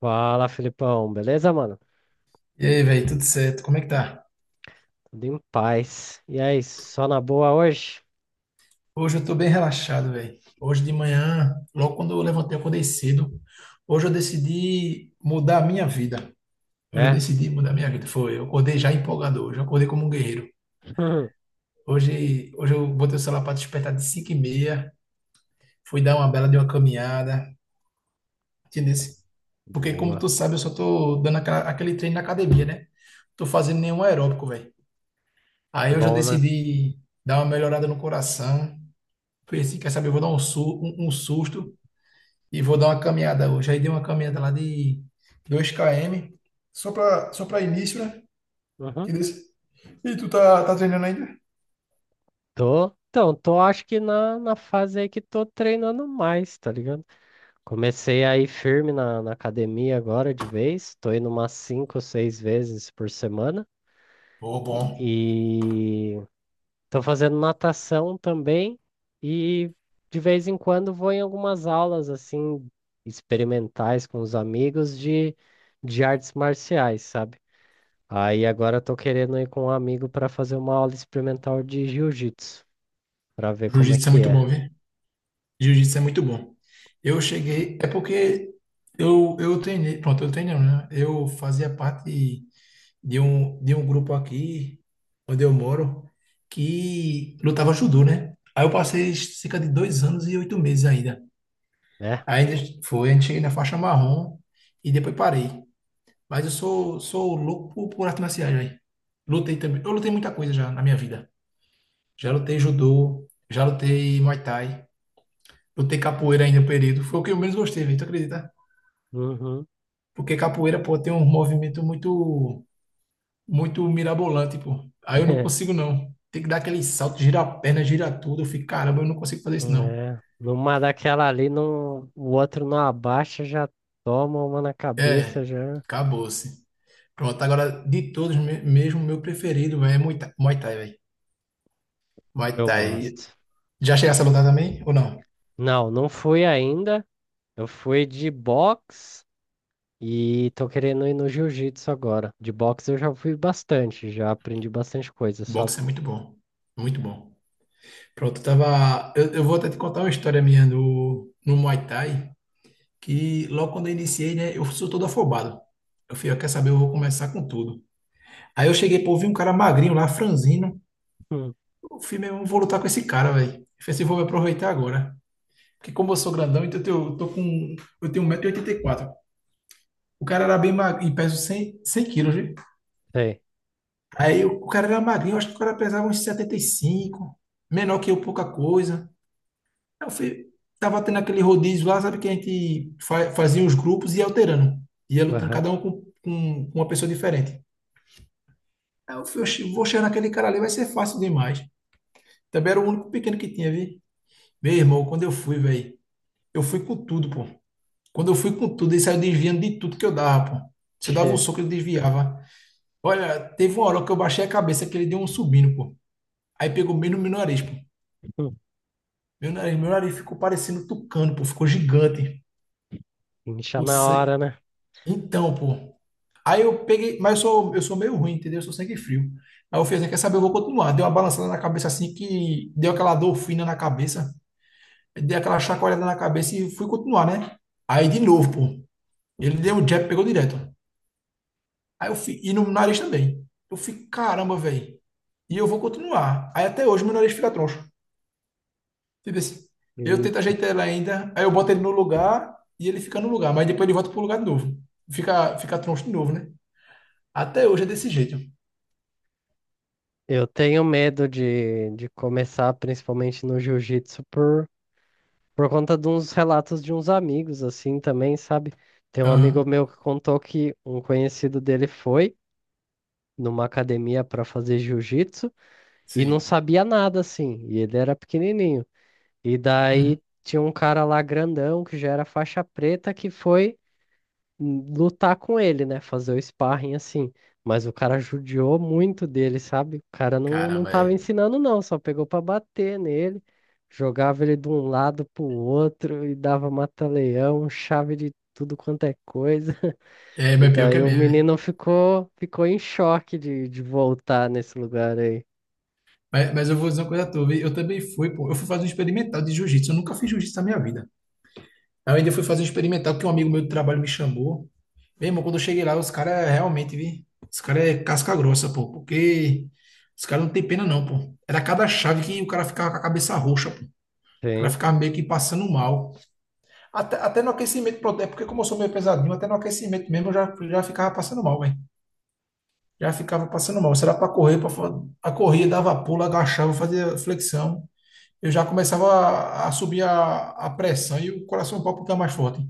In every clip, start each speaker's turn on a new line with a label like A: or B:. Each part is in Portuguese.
A: Fala, Felipão. Beleza, mano?
B: E aí, velho, tudo certo? Como é que tá?
A: Tudo em paz. E aí, só na boa hoje?
B: Hoje eu tô bem relaxado, velho. Hoje de manhã, logo quando eu levantei, eu acordei cedo. Hoje eu decidi mudar a minha vida. Hoje eu
A: É?
B: decidi mudar a minha vida. Foi, eu acordei já empolgado hoje. Eu acordei como um guerreiro. Hoje eu botei o celular para despertar de 5h30. Fui dar uma bela de uma caminhada. Entendeu? Porque, como
A: Boa.
B: tu sabe, eu só tô dando aquele treino na academia, né? Tô fazendo nenhum aeróbico, velho. Aí hoje eu
A: Bom, né?
B: decidi dar uma melhorada no coração. Falei assim, quer saber, eu vou dar um, um susto e vou dar uma caminhada hoje. Aí dei uma caminhada lá de 2 km, só para início, né?
A: Uhum.
B: Que E tu tá treinando ainda?
A: Tô. Então, tô acho que na fase aí que tô treinando mais, tá ligado? Comecei aí firme na academia agora de vez. Tô indo umas cinco, seis vezes por semana.
B: Pô, bom.
A: E, estou fazendo natação também e de vez em quando vou em algumas aulas assim experimentais com os amigos de artes marciais, sabe? Aí agora estou querendo ir com um amigo para fazer uma aula experimental de jiu-jitsu, para ver como é
B: Jiu-jitsu é
A: que
B: muito
A: é,
B: bom, viu? Jiu-jitsu é muito bom. Eu cheguei, é porque eu treinei, pronto, eu treinei, né? Eu fazia parte de um grupo aqui, onde eu moro, que lutava judô, né? Aí eu passei cerca de 2 anos e 8 meses ainda.
A: né?
B: Ainda foi, a gente cheguei na faixa marrom e depois parei. Mas eu sou, sou louco por artes marciais, velho. Lutei também. Eu lutei muita coisa já na minha vida. Já lutei judô, já lutei muay thai, lutei capoeira ainda um período. Foi o que eu menos gostei, velho, tu acredita?
A: Uhum.
B: Porque capoeira, pô, tem um movimento muito, muito mirabolante, pô. Aí eu não consigo, não. Tem que dar aquele salto, girar a perna, girar tudo. Eu fico, caramba, eu não consigo fazer isso, não.
A: É, numa daquela ali, não, o outro não abaixa, já toma uma na cabeça,
B: É,
A: já.
B: acabou-se. Pronto, agora de todos, mesmo meu preferido véi, é Muay Thai, Muay Thai, velho. Muay
A: Eu
B: Thai.
A: gosto.
B: Já chegasse a lutar também ou não?
A: Não, não fui ainda. Eu fui de boxe e tô querendo ir no jiu-jitsu agora. De boxe eu já fui bastante, já aprendi bastante coisa, sabe?
B: Boxe é muito bom. Muito bom. Pronto, eu tava. Eu vou até te contar uma história minha no Muay Thai, que logo quando eu iniciei, né, eu sou todo afobado. Eu fui, ó, quer saber, eu vou começar com tudo. Aí eu cheguei, pô, vi um cara magrinho lá, franzino.
A: Hum,
B: Eu fui meu, eu vou lutar com esse cara, velho. Eu falei assim, vou me aproveitar agora. Porque como eu sou grandão, então eu, eu tô com. Eu tenho 1,84 m. O cara era bem magrinho, e pesa 100, 100 quilos, viu?
A: sei.
B: Aí o cara era magrinho, eu acho que o cara pesava uns 75, menor que eu, pouca coisa. Aí eu fui, tava tendo aquele rodízio lá, sabe, que a gente fazia os grupos e ia alterando. Ia lutando,
A: Aham.
B: cada um com, com uma pessoa diferente. Aí eu fui: "Oxi, vou chegar naquele cara ali, vai ser fácil demais." Também era o único pequeno que tinha, viu? Meu irmão, quando eu fui, velho, eu fui com tudo, pô. Quando eu fui com tudo, ele saiu desviando de tudo que eu dava, pô. Se eu dava um soco, ele desviava. Olha, teve uma hora que eu baixei a cabeça que ele deu um subindo, pô. Aí pegou bem no meu nariz, pô.
A: Hum.
B: Meu nariz ficou parecendo tucano, pô. Ficou gigante.
A: Incha na hora,
B: Você...
A: né?
B: Então, pô. Aí eu peguei, mas eu sou meio ruim, entendeu? Eu sou sangue frio. Aí eu fiz, assim, quer saber? Eu vou continuar. Deu uma balançada na cabeça assim que deu aquela dor fina na cabeça. Dei aquela chacoalhada na cabeça e fui continuar, né? Aí de novo, pô. Ele deu um jab, pegou direto. Aí eu fui, e no nariz também. Eu fiquei, caramba, velho. E eu vou continuar. Aí até hoje meu nariz fica troncho. Tipo assim, eu tento
A: Eita.
B: ajeitar ele ainda, aí eu boto ele no lugar e ele fica no lugar, mas depois ele volta pro lugar de novo. Fica troncho de novo, né? Até hoje é desse jeito.
A: Eu tenho medo de começar, principalmente no jiu-jitsu, por conta de uns relatos de uns amigos, assim, também, sabe? Tem um
B: Aham,
A: amigo meu que contou que um conhecido dele foi numa academia para fazer jiu-jitsu e não
B: sim.
A: sabia nada, assim, e ele era pequenininho. E
B: Uhum.
A: daí tinha um cara lá grandão que já era faixa preta que foi, lutar com ele, né? Fazer o sparring assim. Mas o cara judiou muito dele, sabe? O cara não
B: Caramba,
A: tava
B: é.
A: ensinando, não, só pegou pra bater nele, jogava ele de um lado pro outro e dava mata-leão, chave de tudo quanto é coisa.
B: É,
A: E
B: mas pior que é
A: daí o
B: mesmo, é.
A: menino ficou, ficou em choque de voltar nesse lugar aí.
B: Mas eu vou dizer uma coisa a tu, viu? Eu também fui, pô. Eu fui fazer um experimental de jiu-jitsu. Eu nunca fiz jiu-jitsu na minha vida. Aí eu ainda fui fazer um experimental que um amigo meu do trabalho me chamou. Meu irmão, quando eu cheguei lá, os caras realmente, vi? Os caras é casca grossa, pô. Porque os caras não tem pena, não, pô. Era cada chave que o cara ficava com a cabeça roxa, pô. O cara
A: Sim.
B: ficava meio que passando mal. Até no aquecimento, pronto, é porque como eu sou meio pesadinho, até no aquecimento mesmo eu já ficava passando mal, velho. Já ficava passando mal. Será para correr, a corrida dava pulo, agachava, fazia flexão. Eu já começava a subir a pressão e o coração palpitar mais forte.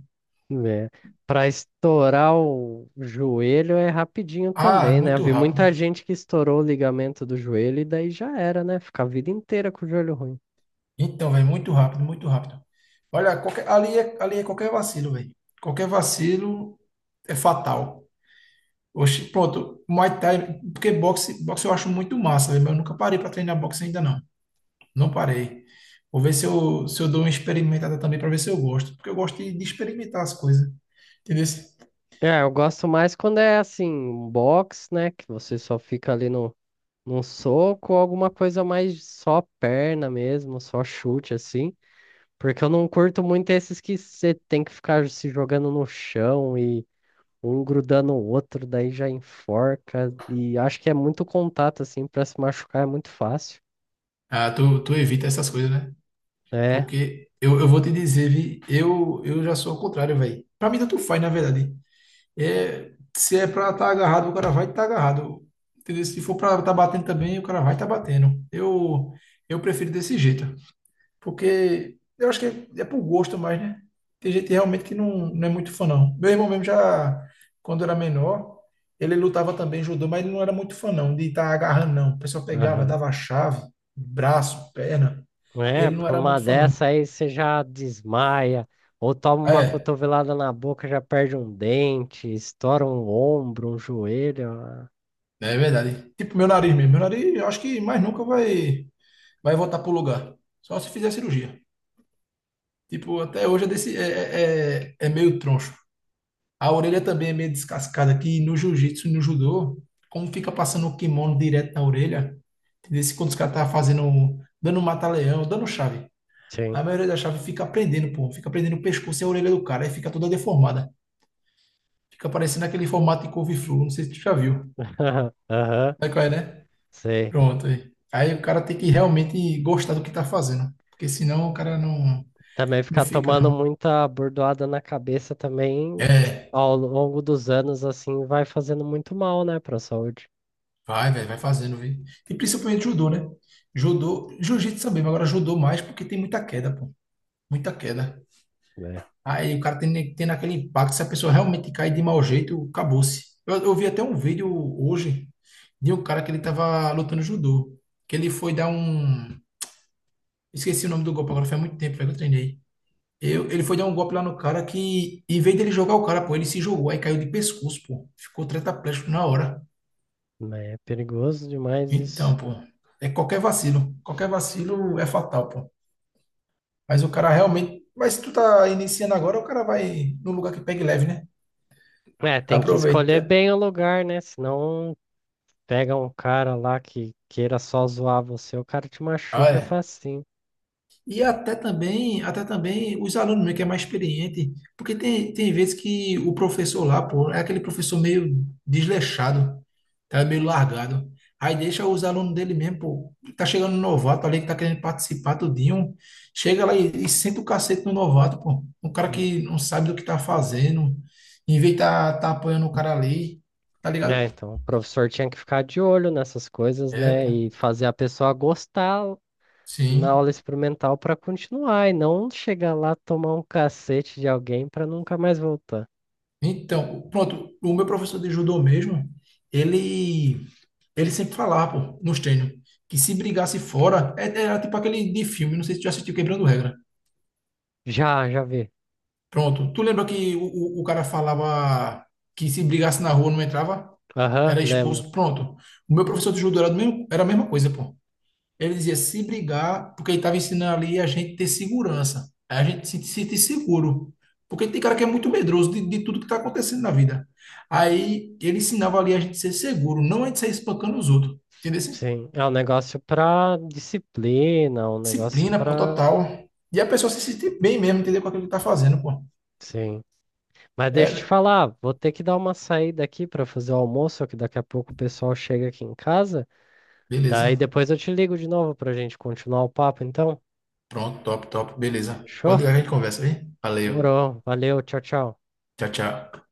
A: Né, para estourar o joelho é rapidinho
B: Ah,
A: também, né? Eu
B: muito
A: vi muita
B: rápido.
A: gente que estourou o ligamento do joelho e daí já era, né? Fica a vida inteira com o joelho ruim.
B: Então, velho, muito rápido, muito rápido. Olha, ali é qualquer vacilo, velho. Qualquer vacilo é fatal. Oxi, pronto, Muay Thai, porque boxe eu acho muito massa, né? Mas eu nunca parei para treinar boxe ainda não. Não parei. Vou ver se eu dou uma experimentada também para ver se eu gosto, porque eu gosto de experimentar as coisas. Entendeu?
A: É, eu gosto mais quando é assim, um box, né? Que você só fica ali no, num soco, ou alguma coisa mais só perna mesmo, só chute assim. Porque eu não curto muito esses que você tem que ficar se jogando no chão e um grudando o outro, daí já enforca. E acho que é muito contato, assim, pra se machucar é muito fácil.
B: Ah, tu evita essas coisas, né?
A: É,
B: Porque eu vou te dizer, vi, eu já sou ao contrário, velho. Para mim tanto faz, na verdade. É, se é para estar agarrado, o cara vai estar tá agarrado. Entendeu? Se for para estar batendo também, o cara vai estar batendo. Eu prefiro desse jeito. Porque eu acho que é, é por gosto mais, né? Tem gente realmente que não, não é muito fã, não. Meu irmão mesmo já, quando era menor, ele lutava também judô, mas ele não era muito fã, não, de estar agarrando, não. O pessoal pegava,
A: aham.
B: dava chave, braço, perna.
A: É,
B: Ele não
A: porque
B: era
A: uma
B: muito fã, não.
A: dessa aí você já desmaia, ou toma uma
B: É,
A: cotovelada na boca, já perde um dente, estoura um ombro, um joelho. Ah,
B: é verdade. Tipo meu nariz mesmo. Meu nariz, eu acho que mais nunca vai voltar pro lugar. Só se fizer cirurgia. Tipo, até hoje é, desse, é, é, é é meio troncho. A orelha também é meio descascada aqui. E no jiu-jitsu e no judô, como fica passando o kimono direto na orelha, entendeu? Se quando os caras tá fazendo, dando um mata-leão, dando chave,
A: sim.
B: a maioria da chave fica prendendo, pô, fica prendendo o pescoço e a orelha do cara, aí fica toda deformada. Fica parecendo aquele formato de couve-flor, não sei se tu já viu.
A: Aham,
B: Sabe qual é, né?
A: sei.
B: Pronto, aí. Aí o cara tem que realmente gostar do que tá fazendo, porque senão o cara não,
A: Também
B: não
A: ficar
B: fica,
A: tomando
B: não.
A: muita bordoada na cabeça também,
B: É.
A: ao longo dos anos, assim, vai fazendo muito mal, né, pra saúde.
B: Vai, velho, vai fazendo, viu? E principalmente judô, né? Judô, jiu-jitsu também, mas agora judô mais porque tem muita queda, pô. Muita queda. Aí o cara tem aquele impacto, se a pessoa realmente cai de mau jeito, acabou-se. Eu vi até um vídeo hoje de um cara que ele tava lutando judô, que ele foi dar um... Esqueci o nome do golpe agora, faz muito tempo, velho, que eu treinei. Ele foi dar um golpe lá no cara que, em vez dele jogar o cara, pô, ele se jogou, aí caiu de pescoço, pô. Ficou tetraplégico na hora.
A: Mas é perigoso demais isso.
B: Então, pô, é qualquer vacilo. Qualquer vacilo é fatal, pô. Mas o cara realmente. Mas se tu tá iniciando agora, o cara vai num lugar que pegue leve, né?
A: É, tem que
B: Aproveita.
A: escolher bem o lugar, né? Senão pega um cara lá que queira só zoar você, o cara te
B: Ah,
A: machuca
B: é.
A: facinho.
B: E até também os alunos mesmo, que é mais experiente, porque tem vezes que o professor lá, pô, é aquele professor meio desleixado, tá meio largado. Aí deixa os alunos dele mesmo, pô, tá chegando um novato ali que tá querendo participar tudinho, chega lá e senta o cacete no novato, pô. Um cara
A: Hum.
B: que não sabe do que tá fazendo, em vez de tá apoiando o cara ali, tá ligado?
A: É, então o professor tinha que ficar de olho nessas coisas,
B: É,
A: né?
B: pô,
A: E fazer a pessoa gostar na aula
B: sim.
A: experimental para continuar e não chegar lá tomar um cacete de alguém para nunca mais voltar.
B: Então, pronto, o meu professor de judô mesmo, ele Ele sempre falava, pô, nos treinos, que se brigasse fora, era tipo aquele de filme, não sei se tu já assistiu Quebrando Regra.
A: Já, já vi.
B: Pronto. Tu lembra que o cara falava que se brigasse na rua não entrava?
A: Aham,
B: Era
A: lembro.
B: expulso. Pronto. O meu professor de judô era, do mesmo, era a mesma coisa, pô. Ele dizia se brigar, porque ele estava ensinando ali a gente ter segurança. A gente se sentir seguro. Porque tem cara que é muito medroso de tudo que está acontecendo na vida. Aí ele ensinava ali a gente ser seguro, não a gente sair espancando os outros. Entendeu? Assim?
A: Sim, é um negócio pra disciplina, um negócio
B: Disciplina, pô,
A: pra.
B: total. E a pessoa se sentir bem mesmo, entender com aquilo que tá fazendo, pô.
A: Sim. Mas deixa eu te
B: É,
A: falar, vou ter que dar uma saída aqui para fazer o almoço, que daqui a pouco o pessoal chega aqui em casa. Daí
B: beleza.
A: depois eu te ligo de novo para a gente continuar o papo, então.
B: Pronto, top, top, beleza. Pode
A: Fechou?
B: ligar que a gente conversa aí. Valeu.
A: Morou. Valeu, tchau, tchau.
B: Tchau, tchau.